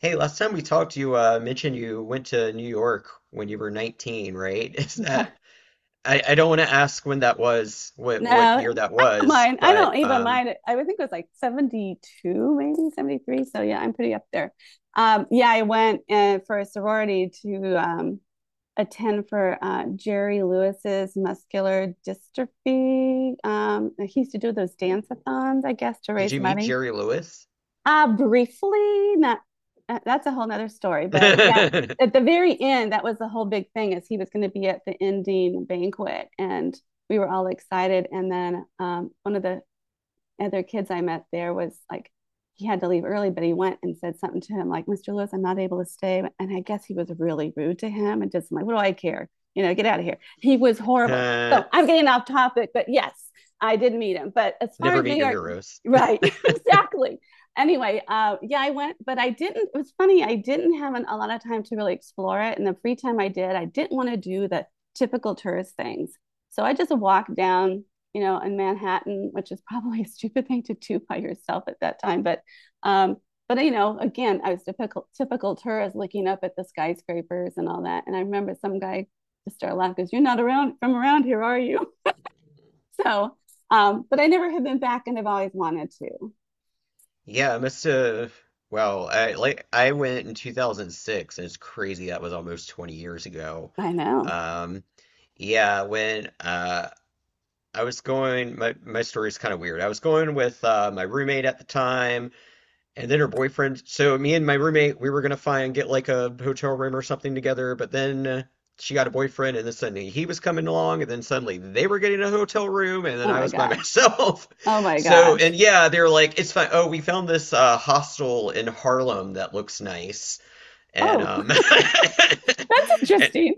Hey, last time we talked, you mentioned you went to New York when you were 19, right? Is Right. that I don't want to ask when that was, what No, what year that I don't was, mind. I but don't even mind it. I would think it was like 72, maybe 73. So yeah, I'm pretty up there. Yeah, I went for a sorority to attend for Jerry Lewis's muscular dystrophy. He used to do those dance-a-thons, I guess, to did raise you meet money. Jerry Lewis? Briefly, not that's a whole nother story, but yeah, at the very end, that was the whole big thing is he was going to be at the ending banquet and we were all excited. And then one of the other kids I met there was like he had to leave early, but he went and said something to him like, Mr. Lewis, I'm not able to stay. And I guess he was really rude to him and just like, what do I care? Get out of here. He was horrible. Uh, So I'm getting off topic, but yes, I did meet him. But as far Never as New meet your York, heroes. right, exactly. Anyway, yeah, I went, but I didn't. It was funny. I didn't have an, a lot of time to really explore it. And the free time I did, I didn't want to do the typical tourist things. So I just walked down in Manhattan, which is probably a stupid thing to do by yourself at that time. Um, but again, I was typical tourist looking up at the skyscrapers and all that. And I remember some guy just started laughing because you're not around from around here, are you? So, but I never have been back, and I've always wanted to. Yeah, I must have. Well, I I went in 2006, and it's crazy that was almost 20 years ago. I know. Um, yeah, when I was going, my story's kind of weird. I was going with my roommate at the time and then her boyfriend. So me and my roommate, we were gonna find get like a hotel room or something together, but then she got a boyfriend, and then suddenly he was coming along, and then suddenly they were getting a hotel room, and then Oh I my was by gosh. myself. Oh my So gosh. and yeah, they're like, it's fine. Oh, we found this hostel in Harlem that looks nice, and Oh, that's and interesting.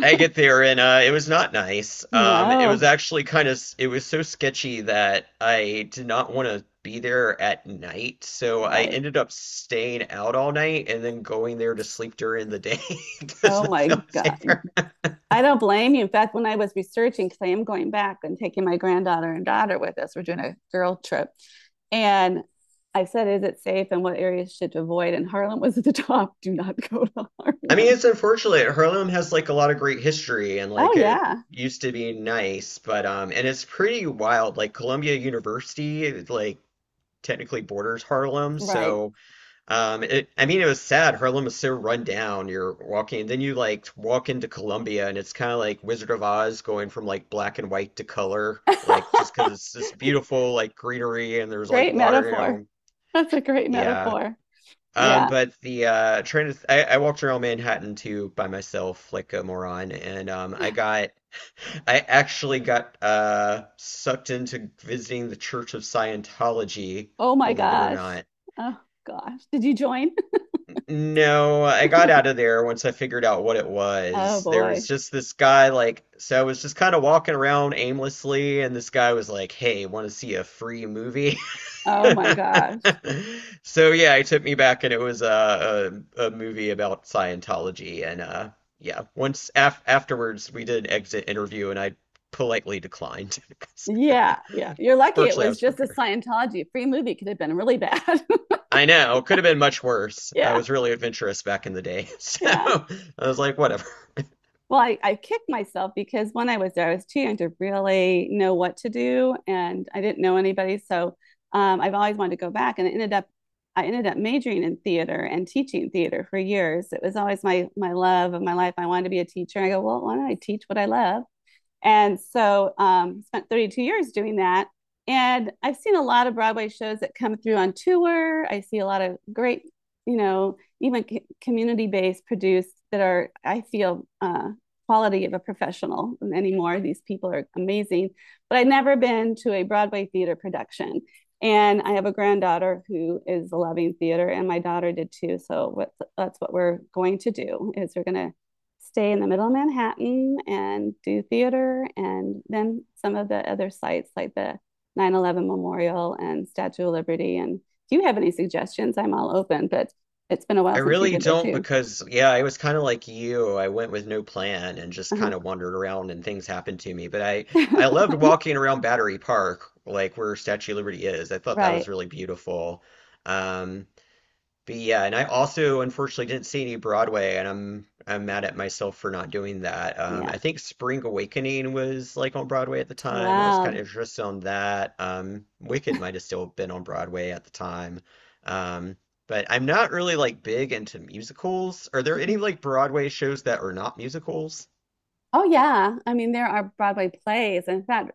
I get there and it was not nice. It was No, actually it was so sketchy that I did not want to be there at night, so I right. ended up staying out all night and then going there to sleep during the day because Oh that my felt god. safer. I don't blame you. In fact, when I was researching, because I am going back and taking my granddaughter and daughter with us, we're doing a girl trip. And I said, is it safe and what areas should avoid? And Harlem was at the top. Do not go to I mean, Harlem. it's unfortunate. Harlem has like a lot of great history and Oh, like it yeah. used to be nice, but and it's pretty wild. Like Columbia University, like technically borders Harlem, Right. so. I mean, it was sad. Harlem was so run down. You're walking, then you like walk into Columbia, and it's kind of like Wizard of Oz going from like black and white to color, like just because it's this beautiful like greenery and there's like Great water, you metaphor. know. That's a great Yeah. metaphor. Yeah. But the trying to, th- I walked around Manhattan too by myself, like a moron, and I actually got sucked into visiting the Church of Scientology, Oh, my believe it or gosh. not. Oh, gosh. Did you join? No, I got out of there once I figured out what it Oh, was. There was boy. just this guy, like, so I was just kind of walking around aimlessly, and this guy was like, hey, want to see a free movie? Oh, my gosh. So, yeah, he took me back, and it was a movie about Scientology. And yeah, once af afterwards, we did an exit interview, and I politely declined because Yeah. Yeah. You're lucky it virtually I was was just a prepared. Scientology free movie, could have been really bad. I know, could have been much worse. I Yeah. was really adventurous back in the day. So Yeah. I was like, whatever. Well, I kicked myself because when I was there, I was too young to really know what to do and I didn't know anybody. So I've always wanted to go back and it ended up I ended up majoring in theater and teaching theater for years. It was always my love of my life. I wanted to be a teacher. I go, well, why don't I teach what I love? And so spent 32 years doing that. And I've seen a lot of Broadway shows that come through on tour. I see a lot of great, even community based produced that are, I feel, quality of a professional anymore. These people are amazing. But I've never been to a Broadway theater production. And I have a granddaughter who is loving theater, and my daughter did too. So what, that's what we're going to do is we're going to stay in the middle of Manhattan and do theater. And then some of the other sites like the 9/11 Memorial and Statue of Liberty. And if you have any suggestions, I'm all open, but it's been a while I since you've really been there don't too. because, yeah, I was kind of like you. I went with no plan and just kind of wandered around and things happened to me. Uh-huh. I loved walking around Battery Park, like where Statue of Liberty is. I thought that Right. was really beautiful. Um, but yeah, and I also unfortunately didn't see any Broadway, and I'm mad at myself for not doing that. Yeah. I think Spring Awakening was like on Broadway at the time. I was kind of Wow. interested on that. Wicked might have still been on Broadway at the time. Um, but I'm not really like big into musicals. Are there any like Broadway shows that are not musicals? Oh yeah. I mean, there are Broadway plays. In fact,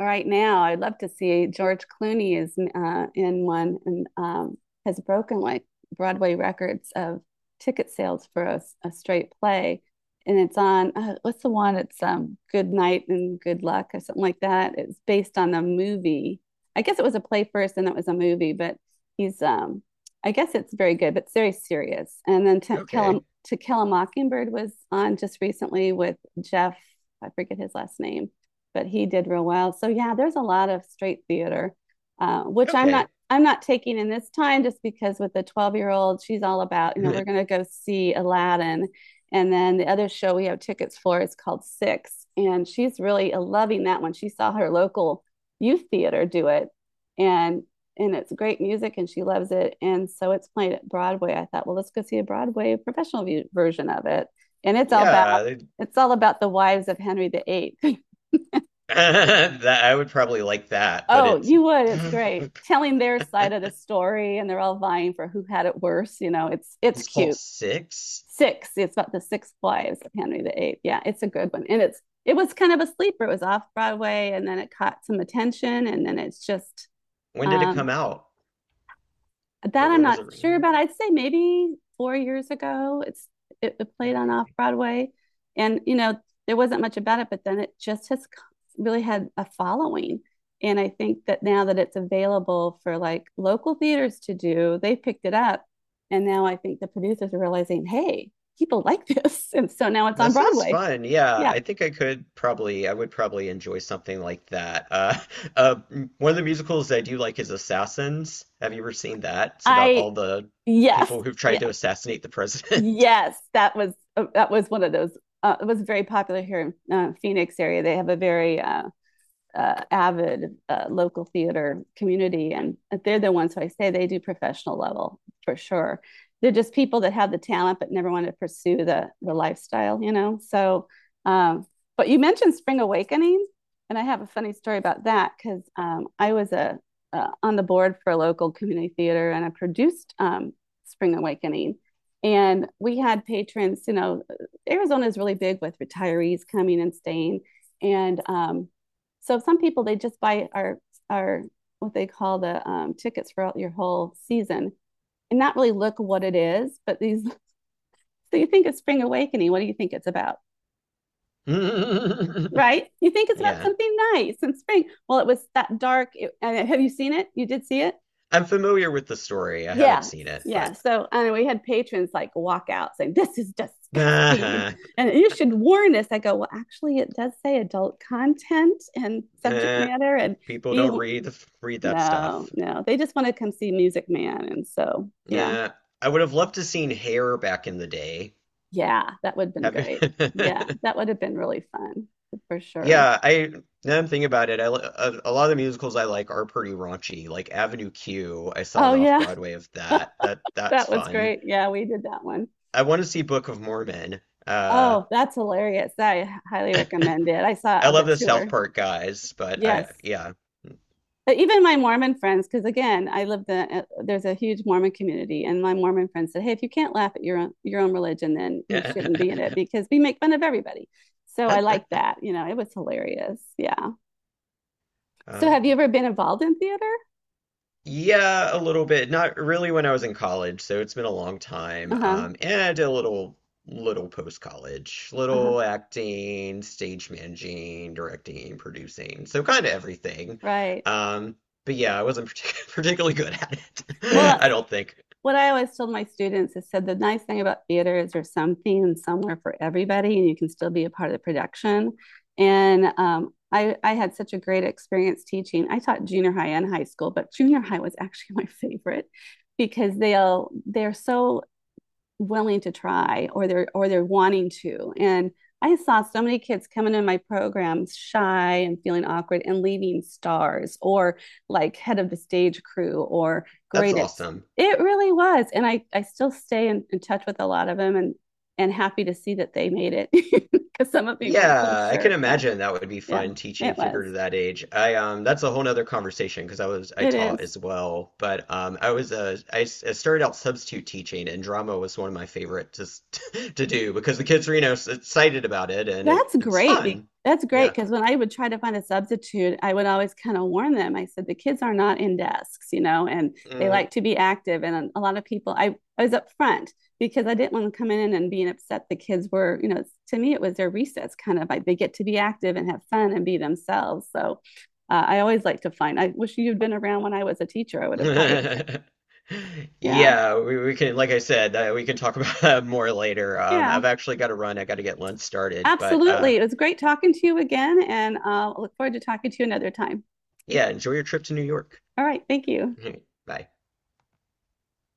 right now, I'd love to see George Clooney is in one and has broken like Broadway records of ticket sales for a straight play. And it's on what's the one? It's Good Night and Good Luck or something like that. It's based on a movie. I guess it was a play first and it was a movie, but he's I guess it's very good, but it's very serious. And then Okay, to Kill a Mockingbird was on just recently with Jeff. I forget his last name, but he did real well. So yeah, there's a lot of straight theater, which okay, I'm not taking in this time just because with the 12-year-old, she's all about you know we're going to go see Aladdin, and then the other show we have tickets for is called Six, and she's really loving that one. She saw her local youth theater do it, and it's great music and she loves it. And so it's played at Broadway. I thought, well, let's go see a Broadway professional version of it. And yeah, it's all about the wives of Henry the Eighth. that I would probably like that, but Oh, it's you would. It's great. Telling their side of the story and they're all vying for who had it worse, you know. It's it's called cute. Six. 6. It's about the six wives of Henry the Eighth. Yeah, it's a good one. And it was kind of a sleeper. It was off Broadway and then it caught some attention and then it's just When did it come um out? Or that I'm when was not it sure written? about. I'd say maybe 4 years ago. It played on off Okay. Broadway, and you know there wasn't much about it, but then it just has really had a following. And I think that now that it's available for like local theaters to do, they picked it up, and now I think the producers are realizing, hey, people like this, and so now it's on That sounds Broadway. fun. Yeah, Yeah, I think I could probably, I would probably enjoy something like that. One of the musicals I do like is Assassins. Have you ever seen that? It's about I all the yes, people who've yeah, tried to assassinate the president. Yes, that was one of those. It was very popular here in Phoenix area. They have a very avid local theater community, and they're the ones who I say they do professional level for sure. They're just people that have the talent but never want to pursue the lifestyle, you know. So, um, but you mentioned Spring Awakening, and I have a funny story about that because I was a on the board for a local community theater, and I produced Spring Awakening. And we had patrons, you know, Arizona is really big with retirees coming and staying. And so some people they just buy our what they call the tickets for your whole season and not really look what it is. But these, so you think it's spring awakening? What do you think it's about? Right? You think it's about Yeah. something nice and spring. Well, it was that dark. Have you seen it? You did see it? I'm familiar with the story. I haven't Yeah, seen it, yeah. but So and we had patrons like walk out saying this is disgusting, and you should warn us. I go, well, actually, it does say adult content and subject eh, matter, and people be don't read that no, stuff. no. They just want to come see Music Man. And so, yeah, Eh, I would have loved to seen Hair back in the day. yeah, that would have been Have you? great. Yeah, that would have been really fun for sure. Yeah, I now I'm thinking about it. A lot of the musicals I like are pretty raunchy. Like Avenue Q, I saw Oh, an yeah, off-Broadway of that. That's that was fun. great. Yeah, we did that one. I want to see Book of Mormon. Uh, Oh, that's hilarious. I highly recommend it. I saw it I on love the the tour. South Park guys, but I Yes. yeah. But even my Mormon friends, because again, I live the there's a huge Mormon community, and my Mormon friends said, "Hey, if you can't laugh at your own religion, then you shouldn't be in it because we make fun of everybody." So I like that. You know, it was hilarious. Yeah. So have you Um, ever been involved in theater? Yeah, a little bit. Not really when I was in college, so it's been a long time. Uh-huh. And I did a little, little post-college, Uh-huh. little acting, stage managing, directing, producing, so kind of everything. Right. Um, but yeah, I wasn't particularly good at it. Well, I don't think. what I always told my students is said the nice thing about theater is there's something and somewhere for everybody, and you can still be a part of the production. And I had such a great experience teaching. I taught junior high and high school, but junior high was actually my favorite because they're so willing to try or they're wanting to and I saw so many kids coming in my programs shy and feeling awkward and leaving stars or like head of the stage crew or That's great at awesome. it really was and i still stay in touch with a lot of them and happy to see that they made it because some of them weren't so Yeah, I can sure yeah imagine that would be yeah fun teaching it was theater to that age. I that's a whole nother conversation because I it is taught as well, but I was I, s- I started out substitute teaching and drama was one of my favorite to to do because the kids are you know excited about it and it That's it's great. Fun. That's Yeah. great because when I would try to find a substitute, I would always kind of warn them. I said, the kids are not in desks, you know, and they Mm. like to be active. And a lot of people, I was up front because I didn't want to come in and being upset the kids were, you know, to me, it was their recess kind of like they get to be active and have fun and be themselves. So I always like to find, I wish you'd been around when I was a teacher. I would have hired you. Yeah. Yeah, we can like I said, we can talk about that more later. Yeah. I've actually got to run. I got to get lunch started, but Absolutely. It was great talking to you again. And I look forward to talking to you another time. yeah, enjoy your trip to New York. All right. Thank you. Bye.